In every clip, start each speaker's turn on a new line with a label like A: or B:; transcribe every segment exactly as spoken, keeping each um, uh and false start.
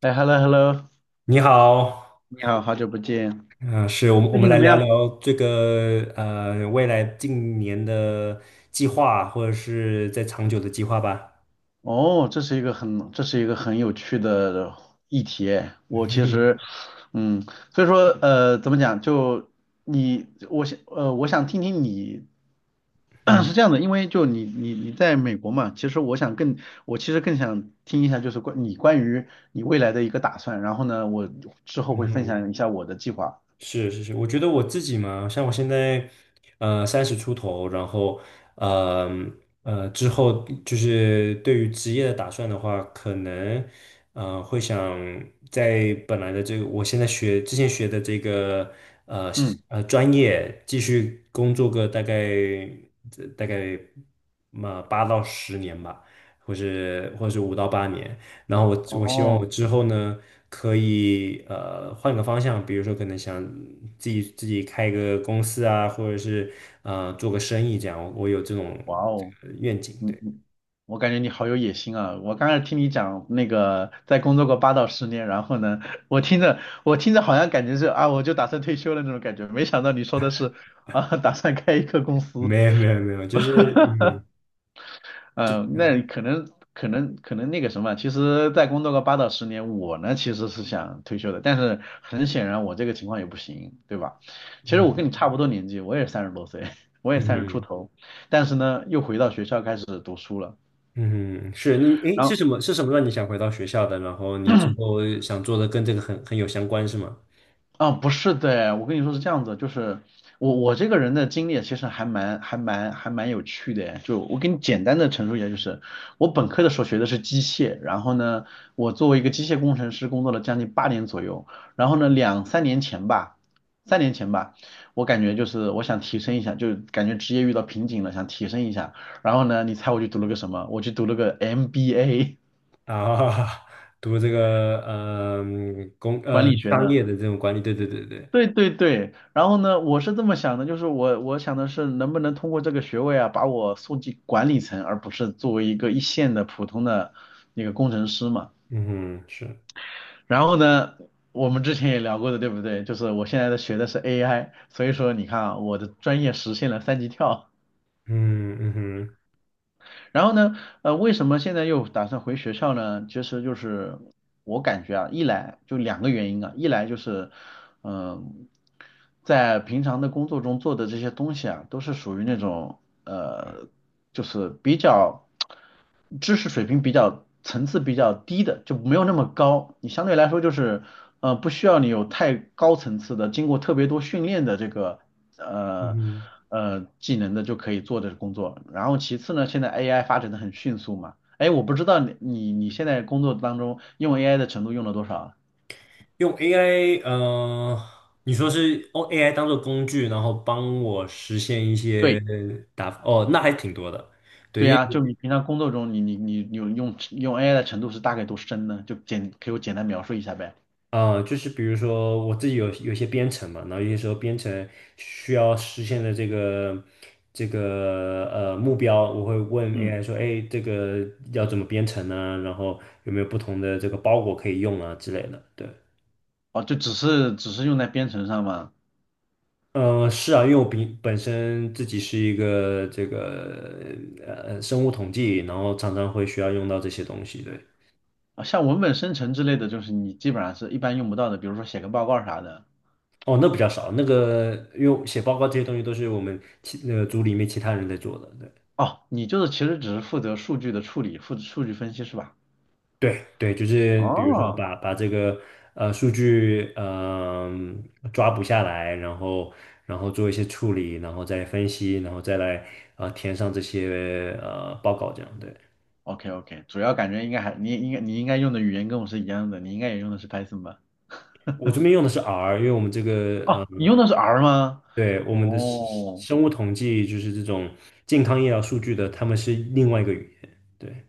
A: 哎，hello hello，
B: 你好。
A: 你好，好久不见，
B: 嗯、是我们我
A: 最
B: 们
A: 近怎
B: 来
A: 么
B: 聊
A: 样？
B: 聊这个呃未来近年的计划，或者是在长久的计划吧。
A: 哦，这是一个很这是一个很有趣的议题哎。我 其
B: 嗯
A: 实，嗯，所以说呃，怎么讲？就你，我想呃，我想听听你
B: 嗯
A: 是这样的，因为就你你你在美国嘛，其实我想更我其实更想听一下，就是关你关于你未来的一个打算。然后呢，我之后会分
B: 嗯
A: 享一下我的计划。
B: 是是是，我觉得我自己嘛，像我现在，呃，三十出头，然后，呃呃，之后就是对于职业的打算的话，可能，呃，会想在本来的这个，我现在学之前学的这个，呃
A: 嗯，
B: 呃，专业继续工作个大概大概嘛八到十年吧，或是或是五到八年。然后我我希望我
A: 哦，
B: 之后呢，可以呃换个方向，比如说可能想自己自己开一个公司啊，或者是呃做个生意这样，我有这种
A: 哇
B: 这
A: 哦。
B: 个愿景。
A: 嗯
B: 对，
A: 嗯，我感觉你好有野心啊！我刚才听你讲那个在工作过八到十年，然后呢，我听着我听着好像感觉是啊，我就打算退休了那种感觉，没想到你说的是啊，打算开一个公司，
B: 没有没有没有，就是嗯
A: 嗯，那可能可能可能那个什么，其实在工作个八到十年，我呢其实是想退休的，但是很显然我这个情况也不行，对吧？其实我跟
B: 嗯
A: 你差不多年纪，我也三十多岁，我也
B: 嗯
A: 三十出
B: 嗯
A: 头，但是呢又回到学校开始读书了。
B: 嗯，是那诶
A: 然
B: 是
A: 后，
B: 什么是什么让你想回到学校的？然后你之后想做的跟这个很很有相关是吗？
A: 啊，不是的，我跟你说是这样子，就是我我这个人的经历其实还蛮还蛮还蛮有趣的，就我给你简单的陈述一下，就是我本科的时候学的是机械，然后呢，我作为一个机械工程师工作了将近八年左右，然后呢，两三年前吧，三年前吧，我感觉就是我想提升一下，就感觉职业遇到瓶颈了，想提升一下，然后呢，你猜我去读了个什么？我去读了个 M B A
B: 啊，读这个呃嗯工
A: 管
B: 呃
A: 理学
B: 商
A: 的。
B: 业的这种管理，对对对对。
A: 对对对，然后呢，我是这么想的，就是我我想的是能不能通过这个学位啊，把我送进管理层，而不是作为一个一线的普通的那个工程师嘛。
B: 嗯哼，是。
A: 然后呢，我们之前也聊过的，对不对？就是我现在的学的是 A I，所以说你看啊，我的专业实现了三级跳。
B: 嗯嗯哼
A: 然后呢，呃，为什么现在又打算回学校呢？其实就是我感觉啊，一来就两个原因啊，一来就是，嗯、在平常的工作中做的这些东西啊，都是属于那种呃，就是比较知识水平比较层次比较低的，就没有那么高。你相对来说就是，呃，不需要你有太高层次的，经过特别多训练的这个
B: 嗯
A: 呃
B: 哼，
A: 呃技能的就可以做的工作。然后其次呢，现在 A I 发展的很迅速嘛，哎，我不知道你你你现在工作当中用 A I 的程度用了多少啊
B: 用 A I,呃，你说是用 A I 当做工具，然后帮我实现一
A: 对
B: 些打，哦，那还挺多的。对，
A: 对
B: 因为
A: 呀，就你平常工作中你你你有用用 A I 的程度是大概多深呢？就简给我简单描述一下呗。
B: 呃，就是比如说我自己有有一些编程嘛，然后有些时候编程需要实现的这个这个呃目标，我会问
A: 嗯，
B: A I 说，哎，这个要怎么编程呢？然后有没有不同的这个包裹可以用啊之类的？对。
A: 哦，就只是只是用在编程上吗？
B: 呃，是啊，因为我比本身自己是一个这个呃生物统计，然后常常会需要用到这些东西。对。
A: 啊，像文本生成之类的，就是你基本上是一般用不到的，比如说写个报告啥的。
B: 哦，那比较少，那个因为写报告这些东西都是我们其那个组里面其他人在做的。
A: 哦，你就是其实只是负责数据的处理，负责数据分析是吧？
B: 对，对，对，就是比如说
A: 哦，
B: 把把这个呃数据嗯、抓捕下来，然后然后做一些处理，然后再分析，然后再来呃填上这些呃报告这样。对。
A: OK OK，主要感觉应该还你应该你应该用的语言跟我是一样的，你应该也用的是 Python 吧？
B: 我这边用的是 R,因为我们这个。
A: 哦，
B: 呃。
A: 你用的是 R 吗？
B: 对，我们的生
A: 哦
B: 生物统计就是这种健康医疗数据的，他们是另外一个语言。对。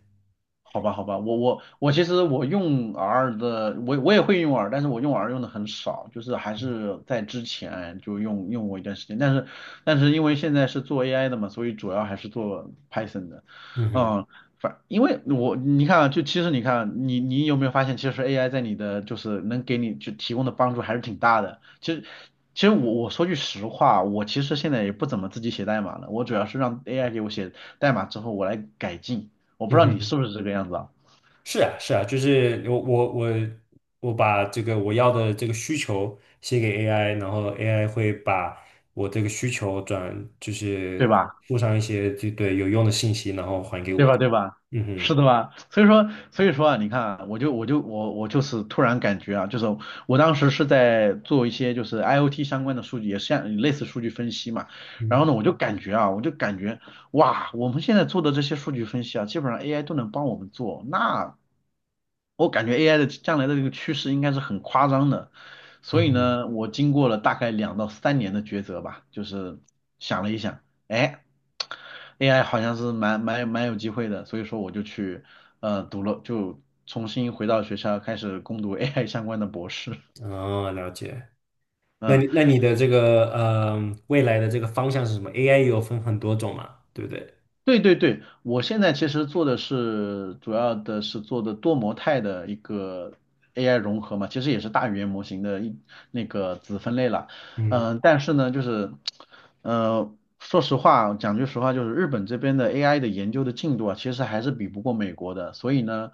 A: 好吧，好吧，我我我其实我用 R 的，我我也会用 R，但是我用 R 用的很少，就是还是在之前就用用过一段时间，但是但是因为现在是做 A I 的嘛，所以主要还是做 Python 的，
B: 嗯哼。
A: 嗯，反因为我你看啊，就其实你看啊你你有没有发现，其实 A I 在你的就是能给你就提供的帮助还是挺大的，其实。其实我我说句实话，我其实现在也不怎么自己写代码了，我主要是让 A I 给我写代码之后，我来改进。我不知
B: 嗯
A: 道你
B: 哼。
A: 是不是这个样子啊，
B: 是啊，是啊，就是我我我我把这个我要的这个需求写给 A I,然后 A I 会把我这个需求转，就
A: 对
B: 是
A: 吧？
B: 附上一些就对有用的信息，然后还给
A: 对
B: 我。
A: 吧？对吧？
B: 嗯
A: 是
B: 哼。
A: 的吧？所以说，所以说啊，你看啊，我就我就我我就是突然感觉啊，就是我当时是在做一些就是 IoT 相关的数据，也是像类似数据分析嘛。然后
B: 嗯
A: 呢，我就感觉啊，我就感觉哇，我们现在做的这些数据分析啊，基本上 A I 都能帮我们做，那我感觉 A I 的将来的这个趋势应该是很夸张的，所以
B: 嗯
A: 呢，我经过了大概两到三年的抉择吧，就是想了一想，哎，A I 好像是蛮蛮蛮有机会的，所以说我就去呃读了，就重新回到学校开始攻读 A I 相关的博士。
B: 哼，哦，了解。那
A: 嗯，
B: 你那你的这个呃未来的这个方向是什么？A I 有分很多种嘛，对不对？
A: 对对对，我现在其实做的是主要的是做的多模态的一个 A I 融合嘛，其实也是大语言模型的一那个子分类了。
B: 嗯。
A: 嗯、但是呢，就是呃，说实话，讲句实话，就是日本这边的 A I 的研究的进度啊，其实还是比不过美国的。所以呢，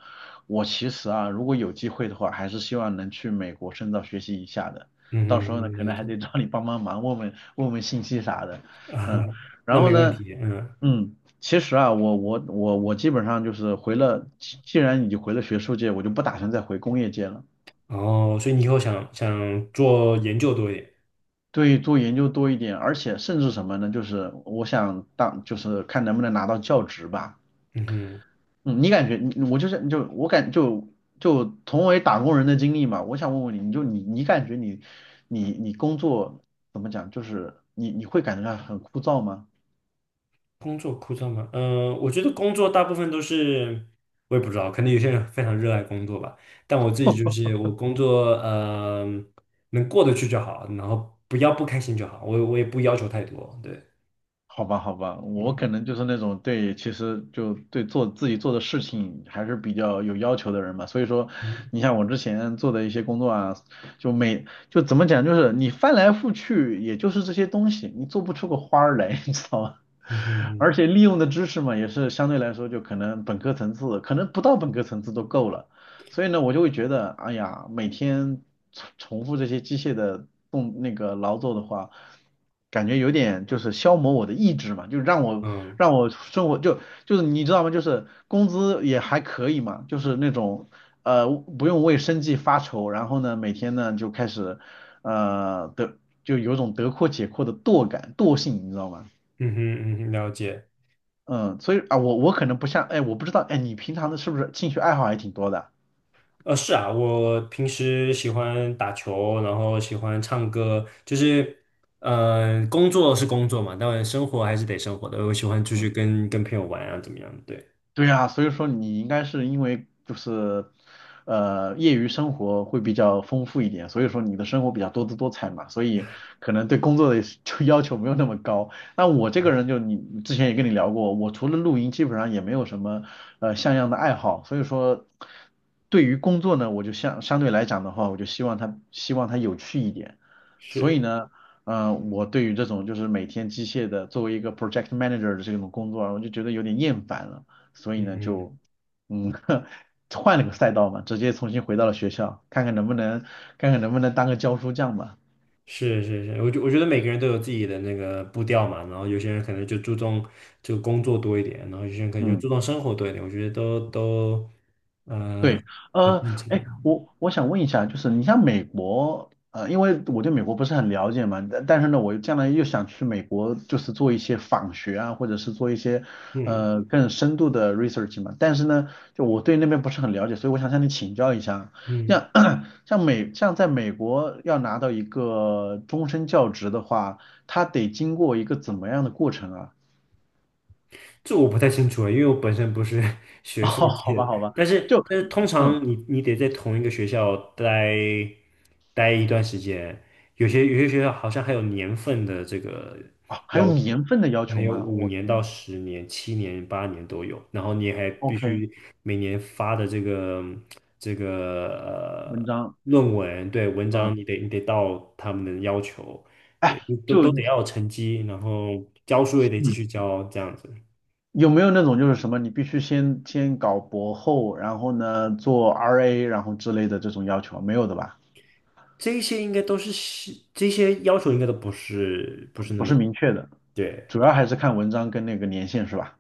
A: 我其实啊，如果有机会的话，还是希望能去美国深造学习一下的。到
B: 嗯，
A: 时候呢，
B: 嗯
A: 可
B: 了
A: 能还
B: 解。
A: 得找你帮帮忙，问问问问信息啥的。
B: 啊，
A: 嗯，
B: 那
A: 然后
B: 没问
A: 呢，
B: 题。嗯。
A: 嗯。其实啊，我我我我基本上就是回了，既既然已经回了学术界，我就不打算再回工业界了。
B: 哦，所以你以后想想做研究多一点。
A: 对，做研究多一点，而且甚至什么呢？就是我想当，就是看能不能拿到教职吧。
B: 嗯哼。
A: 嗯，你感觉你我就是就我感就就同为打工人的经历嘛，我想问问你，你就你你感觉你你你工作怎么讲？就是你你会感觉到很枯燥吗？
B: 工作枯燥吗？嗯、我觉得工作大部分都是，我也不知道，可能有些人非常热爱工作吧，但我自己就是我工作，呃，能过得去就好，然后不要不开心就好，我我也不要求太多。对。
A: 好吧，好吧，我
B: 嗯
A: 可能就是那种对，其实就对做自己做的事情还是比较有要求的人嘛。所以说，
B: 嗯
A: 你像我之前做的一些工作啊，就每就怎么讲，就是你翻来覆去，也就是这些东西，你做不出个花儿来，你知道吗？
B: 嗯哼
A: 而且利用的知识嘛，也是相对来说就可能本科层次，可能不到本科层次都够了。所以呢，我就会觉得，哎呀，每天重重复这些机械的动那个劳作的话，感觉有点就是消磨我的意志嘛，就让我
B: 嗯
A: 让我生活就就是你知道吗？就是工资也还可以嘛，就是那种呃不用为生计发愁，然后呢每天呢就开始呃得就有种得阔且阔的惰感惰性，你知道吗？
B: 嗯哼嗯哼了解。
A: 嗯，所以啊我我可能不像哎我不知道哎你平常的是不是兴趣爱好还挺多的？
B: 呃，是啊，我平时喜欢打球，然后喜欢唱歌，就是，嗯、工作是工作嘛，当然生活还是得生活的。我喜欢出去
A: 嗯
B: 跟跟朋友玩啊，怎么样？对。
A: 对啊，所以说你应该是因为就是，呃，业余生活会比较丰富一点，所以说你的生活比较多姿多彩嘛，所以可能对工作的 就要求没有那么高。那我这个人就你之前也跟你聊过，我除了露营，基本上也没有什么呃像样的爱好，所以说对于工作呢，我就相相对来讲的话，我就希望它希望它有趣一点。所以
B: 是。
A: 呢，嗯、呃，我对于这种就是每天机械的作为一个 project manager 的这种工作啊我就觉得有点厌烦了。所以呢
B: 嗯。
A: 就嗯 换了个赛道嘛，直接重新回到了学校，看看能不能看看能不能当个教书匠吧。
B: 是是是，我觉我觉得每个人都有自己的那个步调嘛，然后有些人可能就注重就工作多一点，然后有些人可能就注
A: 嗯。
B: 重生活多一点，我觉得都都呃，
A: 对，
B: 很
A: 呃，
B: 正常。
A: 哎，我我想问一下，就是你像美国，呃，因为我对美国不是很了解嘛，但但是呢，我将来又想去美国，就是做一些访学啊，或者是做一些
B: 嗯
A: 呃更深度的 research 嘛，但是呢，就我对那边不是很了解，所以我想向你请教一下，
B: 嗯。
A: 像 像美像在美国要拿到一个终身教职的话，它得经过一个怎么样的过程啊？
B: 这我不太清楚了，因为我本身不是
A: 哦，
B: 学术
A: 好
B: 界
A: 吧，
B: 的。
A: 好吧，
B: 但是
A: 就
B: 但是通
A: 嗯，
B: 常你你得在同一个学校待待一段时间，有些有些学校好像还有年份的这个
A: 啊，还
B: 要
A: 有年
B: 求，
A: 份的要
B: 可
A: 求
B: 能有
A: 吗？
B: 五
A: 我
B: 年
A: 天
B: 到
A: 呐
B: 十年、七年、八年都有，然后你还必
A: ！OK，
B: 须每年发的这个这
A: 文
B: 个呃
A: 章，
B: 论文，对，文
A: 嗯，
B: 章你得你得到他们的要求。对，
A: 哎，
B: 你都
A: 就
B: 都得要有成绩，然后教书也得继
A: 嗯，
B: 续教，这样子。
A: 有没有那种就是什么，你必须先先搞博后，然后呢做 R A，然后之类的这种要求，没有的吧？
B: 这些应该都是西这些要求应该都不是不是那
A: 不
B: 么，
A: 是明确的，
B: 对
A: 主要
B: 对
A: 还是看文章跟那个年限是吧？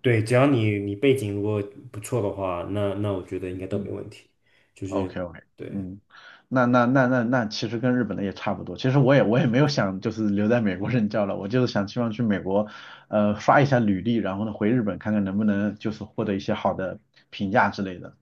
B: 对，只要你你背景如果不错的话，那那我觉得应该都没
A: 嗯。
B: 问题。就是，
A: OK OK，
B: 对。
A: 嗯，那那那那那其实跟日本的也差不多。其实我也我也没有想就是留在美国任教了，我就是想希望去美国，呃，刷一下履历，然后呢回日本看看能不能就是获得一些好的评价之类的。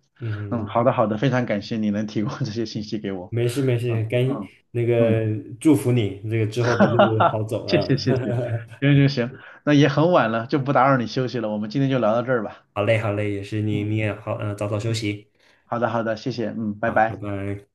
A: 嗯，
B: 嗯。
A: 好的好的，非常感谢你能提供这些信息给我。
B: 没事没
A: 嗯
B: 事，赶
A: 嗯
B: 那
A: 嗯，
B: 个祝福你这个之后的路好
A: 哈，
B: 走
A: 谢
B: 啊。
A: 谢谢谢，行行行，那也很晚了，就不打扰你休息了，我们今天就聊到这儿吧。
B: 好嘞好嘞，也是你
A: 嗯
B: 你也好，嗯、早早休
A: 嗯，
B: 息。
A: 好的好的，谢谢，嗯，拜
B: 好，拜
A: 拜。
B: 拜。